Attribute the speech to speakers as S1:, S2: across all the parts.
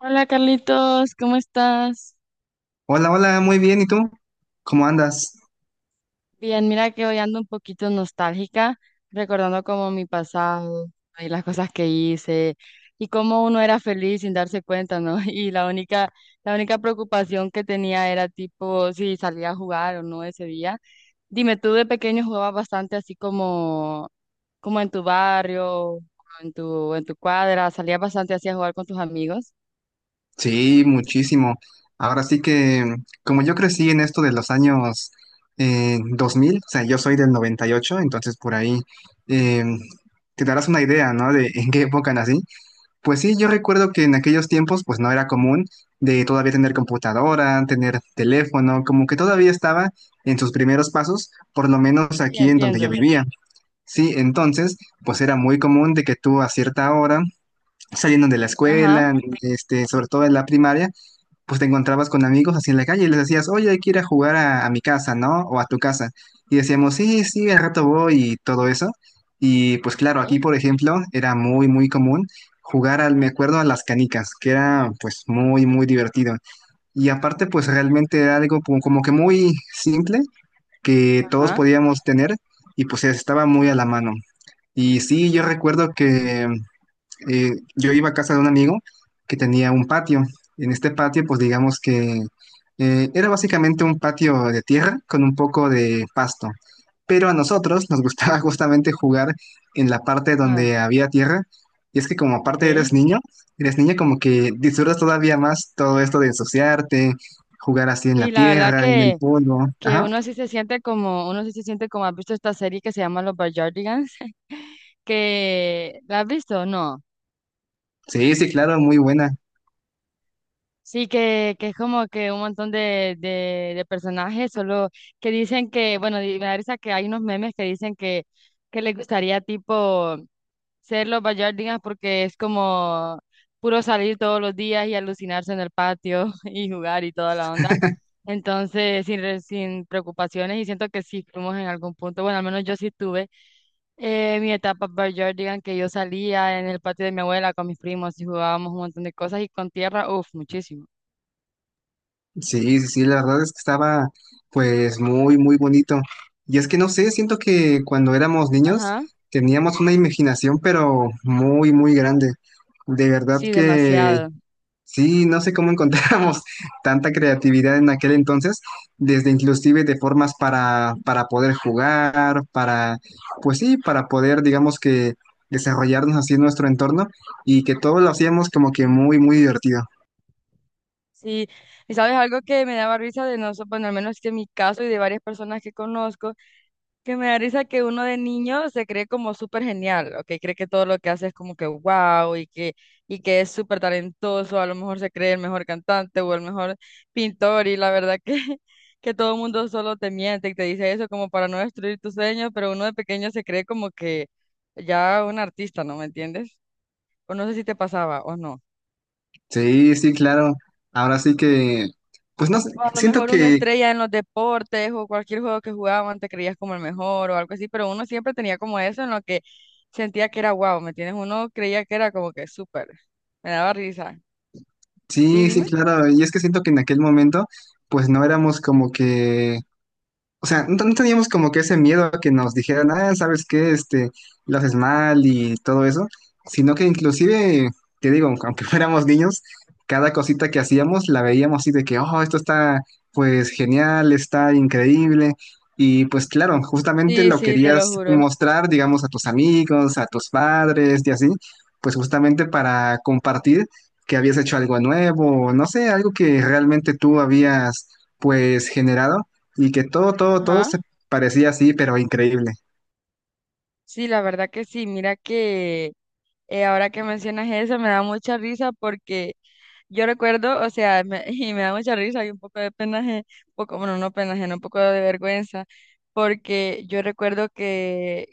S1: Hola Carlitos, ¿cómo estás?
S2: Hola, hola, muy bien. ¿Y tú? ¿Cómo andas?
S1: Bien, mira que hoy ando un poquito nostálgica, recordando como mi pasado y las cosas que hice y cómo uno era feliz sin darse cuenta, ¿no? Y la única preocupación que tenía era tipo si salía a jugar o no ese día. Dime, tú de pequeño jugabas bastante así como, como en tu barrio, o en tu cuadra, salías bastante así a jugar con tus amigos.
S2: Sí, muchísimo. Ahora sí que, como yo crecí en esto de los años 2000, o sea, yo soy del 98, entonces por ahí eh, te darás una idea, ¿no? De en qué época nací. Pues sí, yo recuerdo que en aquellos tiempos, pues no era común de todavía tener computadora, tener teléfono, como que todavía estaba en sus primeros pasos, por lo menos
S1: Sí,
S2: aquí en donde yo
S1: entiendo.
S2: vivía. Sí, entonces, pues era muy común de que tú a cierta hora saliendo de la
S1: Ajá.
S2: escuela, este, sobre todo en la primaria, pues te encontrabas con amigos así en la calle y les decías, oye, hay que ir a jugar a mi casa, ¿no? O a tu casa. Y decíamos, sí, sí, al rato voy y todo eso. Y pues claro, aquí,
S1: Sí.
S2: por ejemplo, era muy, muy común jugar al, me acuerdo, a las canicas, que era pues muy, muy divertido. Y aparte, pues realmente era algo como que muy simple, que todos
S1: Ajá.
S2: podíamos tener y pues estaba muy a la mano. Y sí, yo recuerdo que yo iba a casa de un amigo que tenía un patio. En este patio, pues digamos que era básicamente un patio de tierra con un poco de pasto. Pero a nosotros nos gustaba justamente jugar en la parte
S1: Ajá.
S2: donde había tierra. Y es que como aparte eres
S1: Ok.
S2: niño, eres niña, como que disfrutas todavía más todo esto de ensuciarte, jugar así en la
S1: Y la verdad
S2: tierra, en el polvo.
S1: que
S2: Ajá.
S1: uno sí se siente como, uno sí se siente como, ¿has visto esta serie que se llama Los Backyardigans? Que, ¿la has visto? No.
S2: Sí, sí, claro, muy buena.
S1: Sí, que es como que un montón de personajes, solo que dicen que, bueno, me da risa que hay unos memes que dicen que les gustaría tipo ser los Bayardinas porque es como puro salir todos los días y alucinarse en el patio y jugar y toda la onda. Entonces, sin preocupaciones y siento que sí fuimos en algún punto, bueno, al menos yo sí tuve mi etapa digan que yo salía en el patio de mi abuela con mis primos y jugábamos un montón de cosas y con tierra, uff, muchísimo.
S2: Sí, sí, sí, la verdad es que estaba pues muy, muy bonito. Y es que no sé, siento que cuando éramos niños
S1: Ajá,
S2: teníamos una imaginación pero muy, muy grande. De verdad
S1: sí,
S2: que
S1: demasiado.
S2: sí, no sé cómo encontrábamos tanta creatividad en aquel entonces, desde inclusive de formas para poder jugar, pues sí, para poder, digamos que desarrollarnos así en nuestro entorno, y que todo lo hacíamos como que muy, muy divertido.
S1: Sí, y sabes algo que me daba risa de nosotros, bueno, al menos que en mi caso y de varias personas que conozco, que me da risa que uno de niño se cree como súper genial, ¿ok? Cree que todo lo que hace es como que wow y que es súper talentoso, a lo mejor se cree el mejor cantante o el mejor pintor y la verdad que, que todo el mundo solo te miente y te dice eso como para no destruir tus sueños, pero uno de pequeño se cree como que ya un artista, ¿no? ¿Me entiendes? O no sé si te pasaba o no.
S2: Sí, sí, claro. Ahora sí que, pues no sé,
S1: O a lo
S2: siento
S1: mejor una
S2: que,
S1: estrella en los deportes o cualquier juego que jugaban te creías como el mejor o algo así, pero uno siempre tenía como eso en lo que sentía que era guau, ¿me entiendes? Uno creía que era como que súper. Me daba risa. Sí,
S2: sí, sí,
S1: dime.
S2: claro. Y es que siento que en aquel momento, pues no éramos como que, o sea, no, no teníamos como que ese miedo a que nos dijeran, ah, ¿sabes qué? Este, lo haces mal y todo eso, sino que inclusive, te digo, aunque fuéramos niños, cada cosita que hacíamos la veíamos así de que, oh, esto está pues genial, está increíble. Y pues claro, justamente
S1: Sí,
S2: lo
S1: sí, te lo
S2: querías
S1: juro.
S2: mostrar, digamos, a tus amigos, a tus padres y así, pues justamente para compartir que habías hecho algo nuevo, no sé, algo que realmente tú habías pues generado y que todo, todo, todo
S1: Ajá.
S2: se parecía así, pero increíble.
S1: Sí, la verdad que sí. Mira que ahora que mencionas eso me da mucha risa porque yo recuerdo, o sea, y me da mucha risa y un poco de penaje, poco, bueno, no penaje, no, un poco de vergüenza, porque yo recuerdo que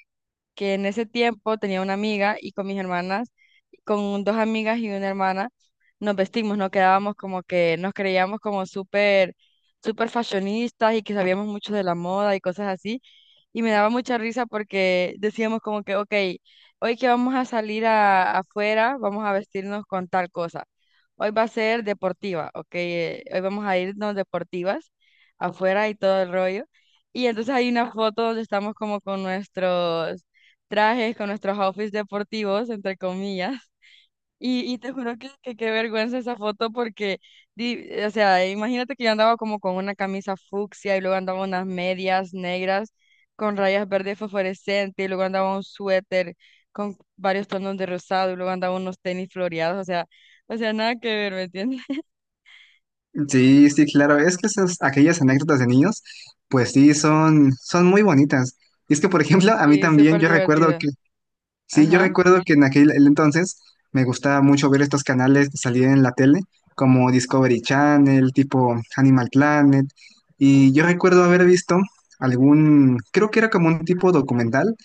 S1: en ese tiempo tenía una amiga y con mis hermanas, con dos amigas y una hermana, nos vestimos, nos quedábamos como que nos creíamos como súper, súper fashionistas y que sabíamos mucho de la moda y cosas así y me daba mucha risa porque decíamos como que, ok, hoy que vamos a salir afuera, vamos a vestirnos con tal cosa. Hoy va a ser deportiva, ok, hoy vamos a irnos deportivas afuera y todo el rollo. Y entonces hay una foto donde estamos como con nuestros trajes, con nuestros outfits deportivos, entre comillas. Y te juro que qué vergüenza esa foto porque, o sea, imagínate que yo andaba como con una camisa fucsia y luego andaba unas medias negras con rayas verdes fosforescentes y luego andaba un suéter con varios tonos de rosado y luego andaba unos tenis floreados, o sea, nada que ver, ¿me entiendes?
S2: Sí, sí, claro, es que esas, aquellas anécdotas de niños, pues sí, son muy bonitas. Y es que, por ejemplo, a mí
S1: Sí,
S2: también
S1: súper
S2: yo recuerdo
S1: divertido.
S2: que, sí, yo
S1: Ajá,
S2: recuerdo que en aquel el entonces me gustaba mucho ver estos canales que salían en la tele, como Discovery Channel, tipo Animal Planet, y yo recuerdo haber visto algún, creo que era como un tipo documental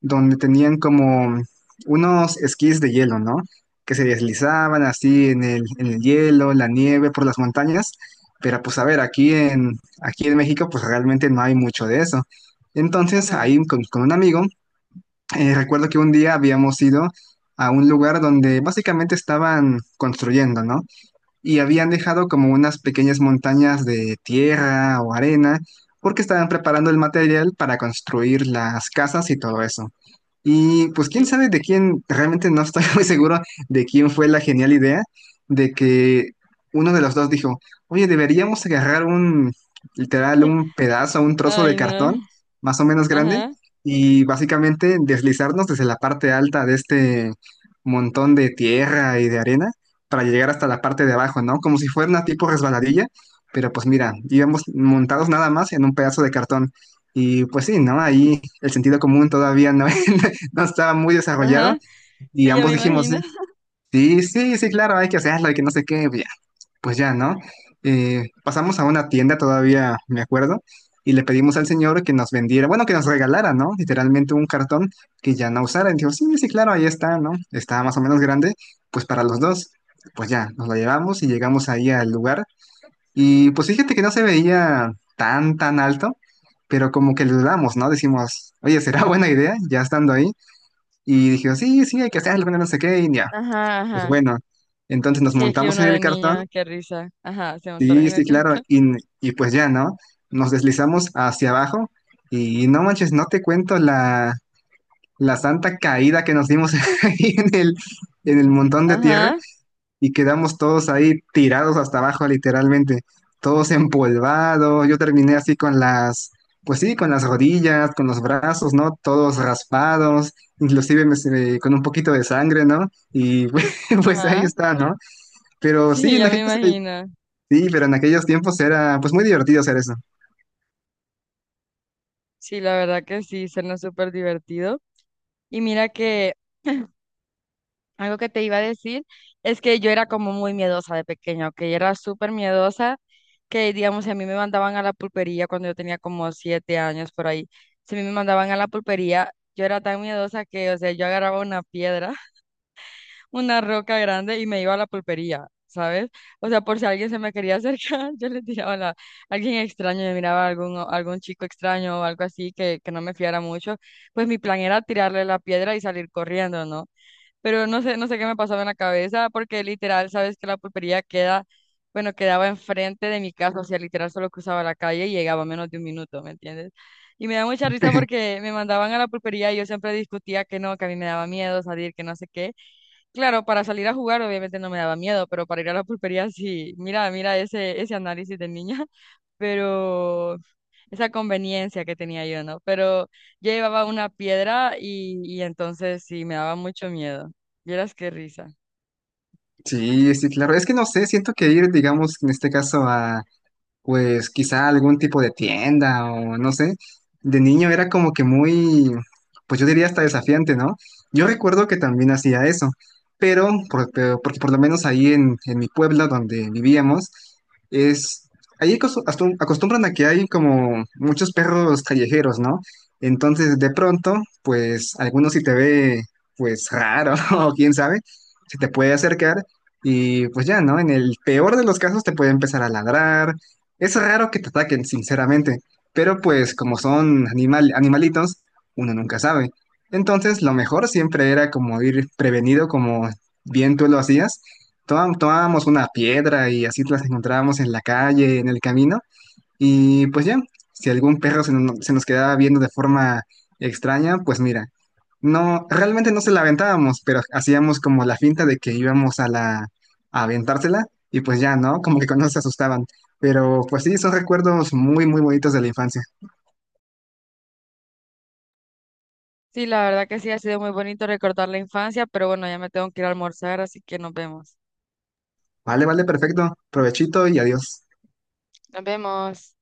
S2: donde tenían como unos esquís de hielo, ¿no? Que se deslizaban así en el hielo, en la nieve, por las montañas. Pero pues a ver, aquí en México pues realmente no hay mucho de eso. Entonces
S1: ajá,
S2: ahí con un amigo, recuerdo que un día habíamos ido a un lugar donde básicamente estaban construyendo, ¿no? Y habían dejado como unas pequeñas montañas de tierra o arena porque estaban preparando el material para construir las casas y todo eso. Y pues quién
S1: sí.
S2: sabe de quién, realmente no estoy muy seguro de quién fue la genial idea, de que uno de los dos dijo, oye, deberíamos agarrar un, literal, un pedazo, un trozo de
S1: Ay,
S2: cartón
S1: no.
S2: más o menos grande,
S1: Ajá,
S2: y básicamente deslizarnos desde la parte alta de este montón de tierra y de arena para llegar hasta la parte de abajo, ¿no? Como si fuera una tipo resbaladilla, pero pues mira, íbamos montados nada más en un pedazo de cartón. Y pues sí, ¿no? Ahí el sentido común todavía no no estaba muy desarrollado,
S1: ajá,
S2: y
S1: sí, ya
S2: ambos
S1: me
S2: dijimos, sí,
S1: imagino.
S2: sí, sí, sí, claro, hay que hacerlo, hay que no sé qué, ya, pues ya, ¿no? Pasamos a una tienda todavía, me acuerdo, y le pedimos al señor que nos vendiera, bueno, que nos regalara, ¿no? Literalmente un cartón que ya no usara. Y dijo, sí, sí, claro, ahí está, ¿no? Está más o menos grande, pues para los dos. Pues ya, nos lo llevamos y llegamos ahí al lugar. Y pues fíjate que no se veía tan, tan alto, pero como que lo dudamos, ¿no? Decimos, oye, ¿será buena idea? Ya estando ahí. Y dijeron, sí, sí, hay que hacerlo, bueno, no sé qué, y ya.
S1: Ajá,
S2: Pues
S1: ajá.
S2: bueno, entonces nos
S1: Sí, es que
S2: montamos
S1: uno
S2: en
S1: de
S2: el cartón,
S1: niño, qué risa. Ajá, se me
S2: sí,
S1: en
S2: sí,
S1: el
S2: claro,
S1: cartón.
S2: y, y pues ya, ¿no? Nos deslizamos hacia abajo y no manches, no te cuento la santa caída que nos dimos ahí en el montón de tierra,
S1: Ajá,
S2: y quedamos todos ahí tirados hasta abajo, literalmente, todos empolvados. Yo terminé así con las, pues sí, con las rodillas, con los brazos, ¿no? Todos raspados, inclusive con un poquito de sangre, ¿no? Y pues ahí
S1: ajá.
S2: está, ¿no? Pero
S1: Sí,
S2: sí,
S1: ya me imagino.
S2: sí, pero en aquellos tiempos era pues muy divertido hacer eso.
S1: Sí, la verdad que sí, suena súper divertido. Y mira que algo que te iba a decir es que yo era como muy miedosa de pequeña, que era súper miedosa, que digamos, si a mí me mandaban a la pulpería cuando yo tenía como 7 años por ahí, si a mí me mandaban a la pulpería, yo era tan miedosa que, o sea, yo agarraba una piedra una roca grande y me iba a la pulpería, ¿sabes? O sea, por si alguien se me quería acercar, yo le tiraba la, alguien extraño, yo miraba algún, algún chico extraño o algo así que no me fiara mucho, pues mi plan era tirarle la piedra y salir corriendo, ¿no? Pero no sé, no sé qué me pasaba en la cabeza, porque literal, sabes que la pulpería queda, bueno, quedaba enfrente de mi casa, o sea, literal solo cruzaba la calle y llegaba en menos de un minuto, ¿me entiendes? Y me da mucha risa porque me mandaban a la pulpería y yo siempre discutía que no, que a mí me daba miedo salir, que no sé qué. Claro, para salir a jugar obviamente no me daba miedo, pero para ir a la pulpería sí, mira, mira ese, ese análisis de niña, pero esa conveniencia que tenía yo, ¿no? Pero yo llevaba una piedra y entonces sí, me daba mucho miedo. Vieras qué risa.
S2: Sí, sí, claro. Es que no sé, siento que ir, digamos, en este caso a, pues quizá algún tipo de tienda, o no sé. De niño era como que muy, pues yo diría hasta desafiante, ¿no? Yo recuerdo que también hacía eso, pero porque por lo menos ahí en mi pueblo donde vivíamos, es, ahí acostumbran a que hay como muchos perros callejeros, ¿no? Entonces de pronto, pues algunos si te ve, pues raro, o quién sabe, se te puede acercar, y pues ya, ¿no? En el peor de los casos te puede empezar a ladrar. Es raro que te ataquen, sinceramente, pero pues como son animal, animalitos, uno nunca sabe. Entonces, lo mejor siempre era como ir prevenido, como bien tú lo hacías. Tomábamos una piedra y así las encontrábamos en la calle, en el camino, y pues ya, si algún perro se, no- se nos quedaba viendo de forma extraña, pues mira, no, realmente no se la aventábamos, pero hacíamos como la finta de que íbamos a aventársela, y pues ya, ¿no? Como que cuando se asustaban. Pero pues sí, son recuerdos muy, muy bonitos de la infancia.
S1: Sí, la verdad que sí, ha sido muy bonito recordar la infancia, pero bueno, ya me tengo que ir a almorzar, así que nos vemos.
S2: Vale, vale, perfecto. Provechito y adiós.
S1: Nos vemos.